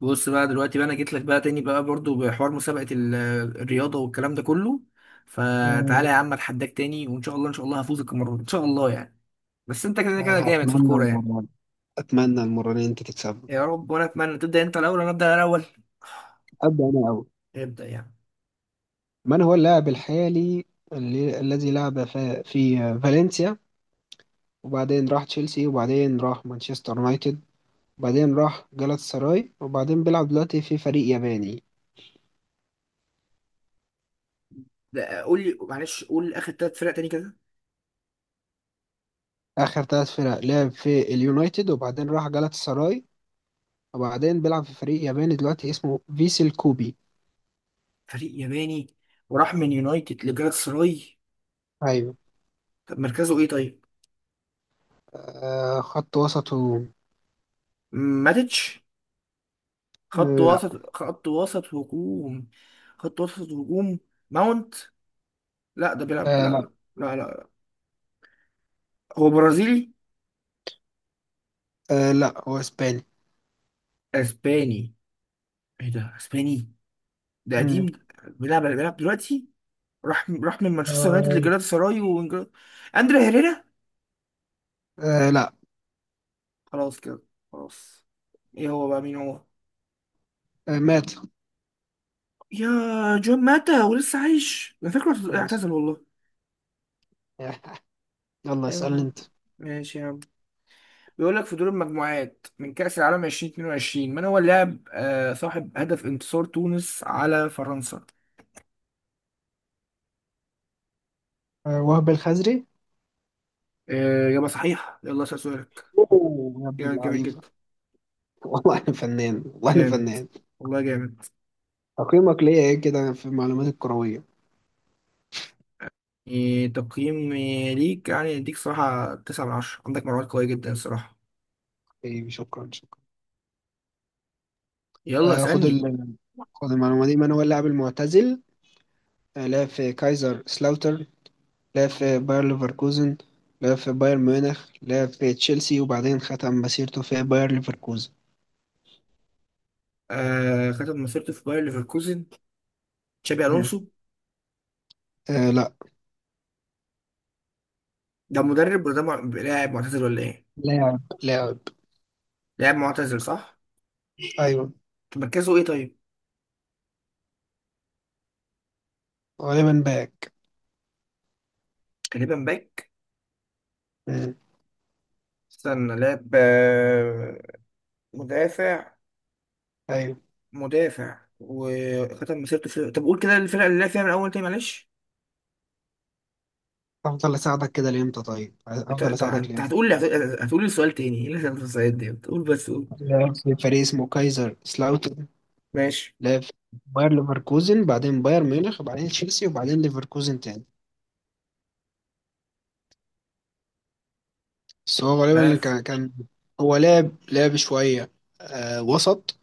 بص بقى، دلوقتي بقى انا جيت لك بقى تاني بقى برضو بحوار مسابقة الرياضة والكلام ده كله. فتعالى مم. يا عم، اتحداك تاني، وان شاء الله ان شاء الله هفوزك المرة دي ان شاء الله يعني. بس انت كده كده جامد في أتمنى الكورة يعني. المرة دي أتمنى المرة دي أنت تكسبه. يا رب، وانا اتمنى. تبدأ انت الاول ولا ابدأ انا الاول؟ أبدأ أنا أول. ابدأ يعني. من هو اللاعب الحالي الذي لعب في فالنسيا، وبعدين راح تشيلسي، وبعدين راح مانشستر يونايتد، وبعدين راح جالاتا سراي، وبعدين بيلعب دلوقتي في فريق ياباني؟ ده قول لي معلش، قول اخر ثلاث فرق تاني كده. آخر ثلاث فرق لعب في اليونايتد، وبعدين راح جالاتا سراي، وبعدين بيلعب في فريق ياباني دلوقتي اسمه فيسل كوبي. فريق ياباني. وراح من يونايتد لجالات سراي. أيوه. طب مركزه ايه طيب؟ خط وسطه. ماتيتش. لا. خط وسط هجوم. خط وسط هجوم. ماونت. لا، ده بيلعب، آه لا. لا لا لا لا. هو برازيلي. آه لا، هو إسباني. اسباني. ايه ده، اسباني؟ ده قديم مم. ده. بيلعب دلوقتي. راح من مانشستر يونايتد آه. لجلاتا سراي اندري هيريرا. آه لا. خلاص كده. خلاص. ايه هو بقى، مين هو؟ مات. يا، جون ماتا ولسه عايش؟ انا فاكره ماشي. اعتزل والله. يلا اسألني أيوة. انت. ماشي يا عم. بيقول لك، في دور المجموعات من كأس العالم 2022، من هو اللاعب صاحب هدف انتصار تونس على فرنسا؟ وهب الخزري. آه، إجابة صحيحة، يلا اسأل سؤالك. اوه يا ابن جامد، جامد اللعيبة! جدا. والله انا فنان، والله انا جامد. فنان. والله جامد. تقييمك ليا ايه كده في المعلومات الكروية؟ إيه تقييم إيه ليك يعني؟ اديك صراحة تسعة من عشرة، عندك معلومات قوية جدا الصراحة. طيب، شكرا شكرا. يلا آه خد اسألني. ال... خد المعلومة دي. من هو اللاعب المعتزل لعب في كايزر سلاوتر، لعب في باير ليفركوزن، لعب في بايرن ميونخ، لعب في تشيلسي، وبعدين ختم مسيرته في باير ليفركوزن؟ آه، ختم مسيرته في باير ليفركوزن. تشابي مم. ألونسو. آه لا. ده مدرب ولا ده لاعب معتزل ولا ايه؟ لاعب لاعب. لاعب معتزل، صح؟ ايوه. طب مركزه ايه طيب؟ غالبا باك. غالبا باك. مم. استنى، لاعب، مدافع. ايوه. مدافع، وختم مسيرته في... طب قول كده الفرقة اللي لعب فيها من أول تاني، معلش. افضل اساعدك كده لامتى؟ طيب، انت افضل انت اساعدك انت لامتى؟ هتقول لي. هتقول لي السؤال تاني. ايه اللي هتقول السؤال ده؟ قول بس، قول. في فريق اسمه كايزر سلاوتر، ماشي. لاف، باير ليفركوزن، بعدين باير ميونخ، بعدين تشيلسي، وبعدين ليفركوزن تاني. بس هو غالبا عارف. كان. هو لعب شوية. وسط،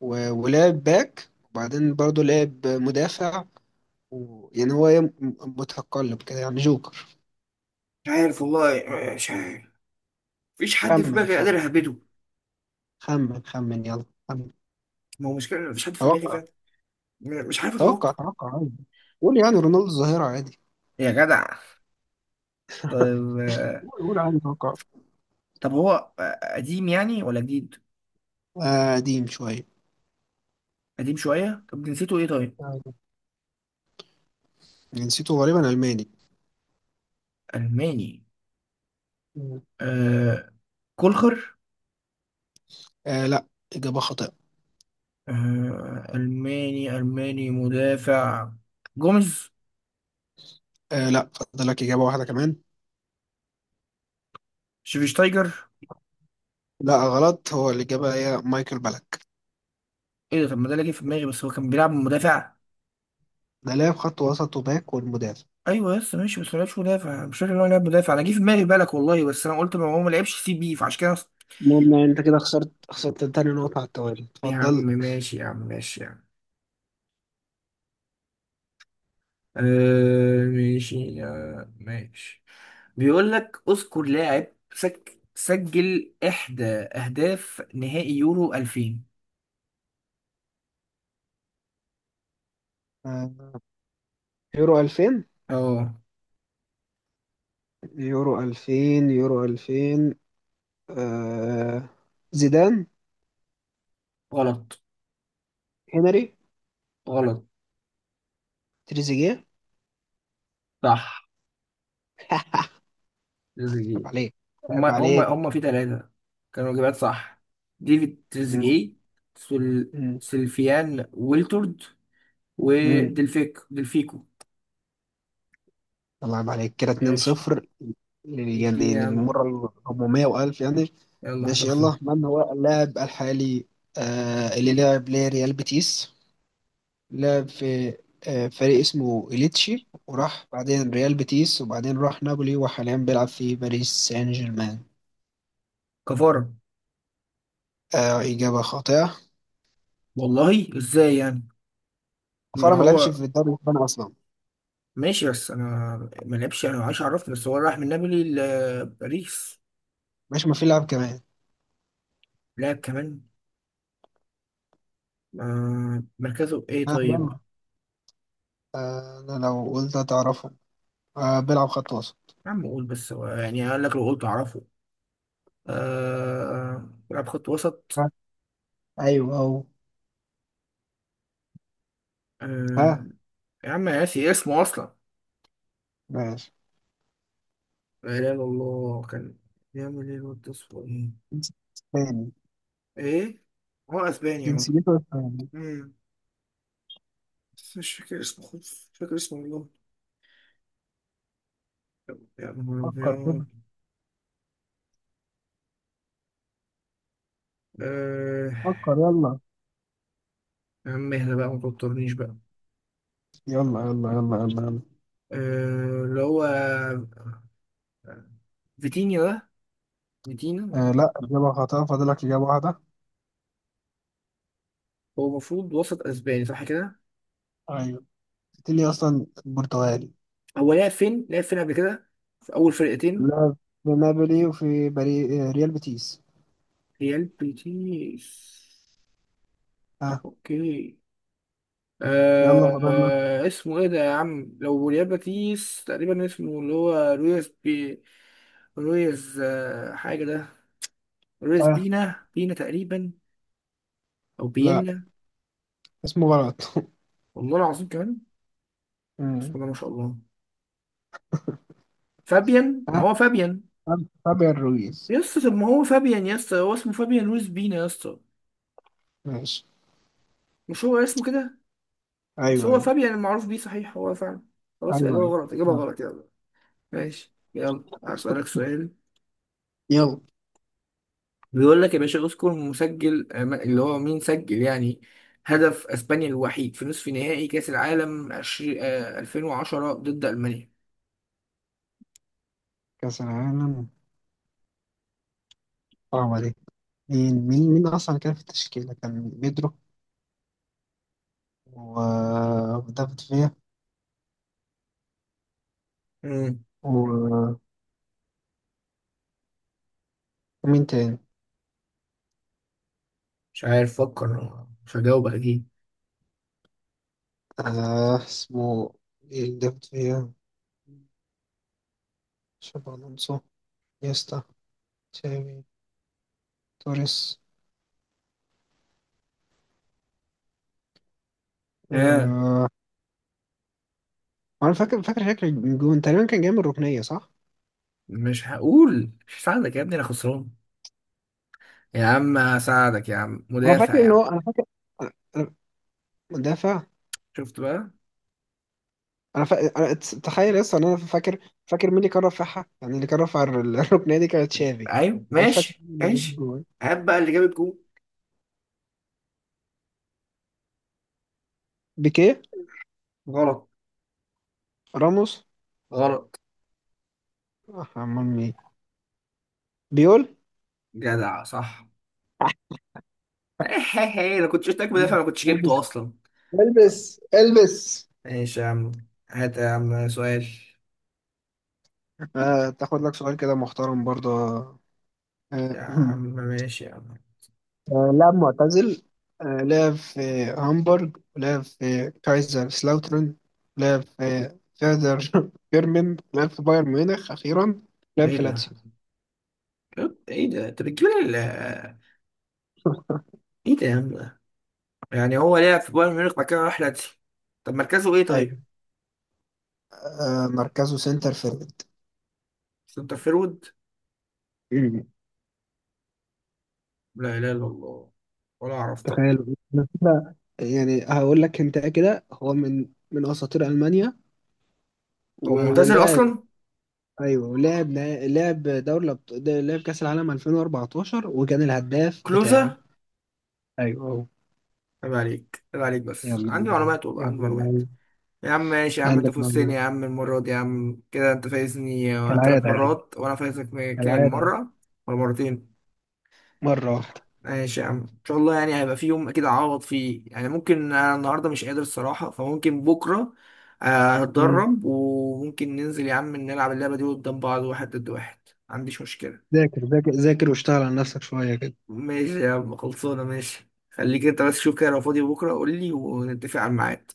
ولعب باك، وبعدين برضه لعب مدافع. و... يعني هو إيه، م- متقلب كده يعني جوكر. مش عارف والله، مش عارف. مفيش حد في خمن دماغي خمن، قادر اهبده. خمن خمن، يلا خمن. ما هو مشكلة إن مفيش حد في دماغي توقع. فعلا. مش عارف توقع اتوقع. توقع عادي. قول يعني رونالدو الظاهرة عادي. يا جدع. طيب. قول قول عادي، توقع. طب هو قديم يعني ولا جديد؟ قديم شوية. قديم شوية. طب جنسيته ايه طيب؟ أيوة. جنسيته غالبا ألماني. ألماني. مم. آه، كولخر. آه لا، إجابة خاطئة. آه، ألماني، ألماني مدافع. جوميز. آه لا، فاضل لك إجابة واحدة كمان. شفيشتايجر. لا غلط، هو الإجابة هي مايكل بالك. ايه ده؟ طب ما ده اللي جه في دماغي، بس هو كان بيلعب مدافع. ده لاعب خط وسط وباك والمدافع. ايوه يس ماشي. بس ما لعبش مدافع، مش فاكر ان هو لعب مدافع. انا جه في دماغي بالك والله، بس انا قلت ما هو ما لعبش سي بي فعشان كده. المهم يعني أنت كده خسرت تاني نقطة على التوالي. يا عم اتفضل. ماشي، يا عم ماشي يا عم. آه ماشي يا... ماشي. بيقول لك، اذكر لاعب سجل احدى اهداف نهائي يورو 2000. آه يورو 2000، اه. يورو 2000، يورو 2000. آه زيدان، غلط. هنري، غلط. تريزيجيه. صح، تريزيجيه. عيب عليك، عيب هما عليك. في ثلاثة. كانوا إجابات صح. ديفيد مم. تريزيجيه. مم. سلفيان ويلتورد. مم. ودلفيك دلفيكو. الله يبارك عليك كده، ماشي. 2-0. اديني يعني يا عم. للمرة ال 400 وألف يعني. يلا، حصل ماشي. يلا، خير. من هو اللاعب الحالي اللي لعب لريال بيتيس، لعب في فريق اسمه إليتشي، وراح بعدين ريال بيتيس، وبعدين راح نابولي، وحاليا بيلعب في باريس سان جيرمان؟ كفارة. إجابة خاطئة. والله ازاي يعني؟ ما كفارة، ما لعبش هو. في الدوري الإسباني أصلا. ماشي بس انا... ما لعبش، انا عايش، عرفني بس هو راح من نابولي لباريس. ماشي. ما في لاعب كمان؟ لعب كمان. آه، مركزه ايه ها، طيب؟ يلا. أنا لو قلت هتعرفه؟ بيلعب خط وسط. يا عم قول بس، هو يعني قال لك لو قلت اعرفه. آه، لعب خط وسط. ها. أيوه أهو. ها. آه. يا عم، أنا ناسي اسمه اصلا. ماشي. لا اله الا الله، كان بيعمل ايه الواد ده؟ اسمه ايه؟ تاني. ايه. هو اسباني اهو. جنسيته اسباني. مم. بس مش فاكر اسمه خالص، مش فاكر اسمه والله. يا نهار فكر ابيض. كده. آه. فكر، يلا. يا عم اهدى بقى، ما توترنيش بقى. يلا يلا يلا يلا يلا. اللي هو فيتينيا ده، فيتينيا. آه لا، إجابة خاطئة. فاضلك إجابة واحدة. هو المفروض وسط اسباني، صح كده؟ أيوة. تاني أصلا برتغالي. هو لعب فين، لعب فين قبل كده؟ في اول فرقتين. لعب في نابولي، وفي بري... آه، ريال بيتيس. ريال بيتيس. ها، اوكي. يلا فاضلنا. اسمه ايه ده يا عم؟ لو ريال بيتيس تقريبا اسمه اللي هو، رويز بي، رويز حاجه ده، رويز ها. بينا، بينا تقريبا. او لا، بينا. اسمه غلط. والله العظيم كمان. بسم مم. الله ما شاء الله. فابيان، ما ها. هو فابيان. فابيان رويز. يا اسطى طب ما هو فابيان يا اسطى، هو اسمه فابيان لويس بينا يا اسطى. ماشي. مش هو اسمه كده؟ مش أيوة هو أيوة، فابيان المعروف بيه، صحيح؟ هو فعلا. خلاص، أيوة الإجابة أيوة. غلط، إجابة يلا غلط، يلا. ماشي، يلا هسألك سؤال. يلا. بيقول لك يا باشا، اذكر مسجل اللي هو مين سجل يعني هدف اسبانيا الوحيد في نصف نهائي كأس العالم 20 آه، 2010 ضد ألمانيا. كأس العالم، صعبة دي. مين أصلا كان في التشكيلة؟ كان بيدرو، ودافيد فيا، مم. و ومين تاني؟ مش عارف، فكر. مش هجاوب اكيد. اسمه إيه؟ اللي دافد فيها، شابي ألونسو، نيستا، تشافي، توريس. اه. آه. أنا فاكر فاكر شكل الجون تقريبا كان جاي من الركنية، صح؟ مش هقول، مش هساعدك يا ابني، انا خسران. يا عم هساعدك يا عم، مدافع يا عم. أنا فاكر. أنا أنا- مدافع. شفت بقى. أنا, فا... أنا ت- تخيل لسه إن أنا فاكر. فاكر مين اللي كان رافعها، يعني اللي كان رافع الركنية دي، كانت تشافي. ايوه، أنا مش فاكر ماشي مين اللي جاب ماشي. الجون. هات بقى اللي جاب الجون. بيكيه. غلط. راموس. غلط. آه، أمال مين؟ بيول. جدع، صح. انا كنت شفتك مدافع، ما كنتش البس جبته اصلا. طب، البس البس. ماشي يا عم. هات يا عم سؤال. آه، تاخد لك سؤال كده محترم برضه. يا آه، عم ماشي يا عم. آه، لاعب معتزل. آه، لعب في هامبورغ، لعب في كايزر سلاوترن، لعب في فيردر بيرمن، لعب في بايرن ميونخ أخيرا، لعب ايه في ده؟ لاتسيو. ايه ده انت بتجيب لي ايه ده يا عم ده؟ يعني هو لعب في بايرن ميونخ بعد كده راح لاتسيو. طب مركزه ايه أيوة. طيب؟ آه، مركزه سنتر فيرد. سنتر فيرود. مم. لا اله الا الله. ولا اعرف طبعا. تخيل. أنا كده يعني هقول لك انت كده هو من اساطير المانيا. هو معتزل ولعب. اصلا؟ ايوه، ولعب نا- لعب دوري الأبط- ده- لعب كاس العالم 2014، وكان الهداف بتاعه. كلوزا. ايوه أهو. عيب عليك، عيب عليك، يلا بس عندي اللعيب، معلومات والله، عندي يلا معلومات. اللعيب. يا عم ماشي يا عم، انت عندك فزتني معلومات، يا عم المرة دي يا عم، كده انت فايزني ثلاث كالعادة يعني. مرات وانا فايزك كام كالعادة. مرة؟ ولا مرتين؟ مرة واحدة. ماشي يا عم، ان شاء الله يعني هيبقى في يوم اكيد اعوض فيه يعني، ممكن انا النهاردة مش قادر الصراحة، فممكن بكرة آه، مم. هتدرب، وممكن ننزل يا عم نلعب اللعبة دي قدام بعض واحد ضد واحد. ما عنديش مشكلة. ذاكر ذاكر ذاكر، واشتغل على نفسك شوية كده. ماشي يا عم، خلصانة، ماشي، خليك انت بس شوف كده لو فاضي بكرة قول لي ونتفق على الميعاد.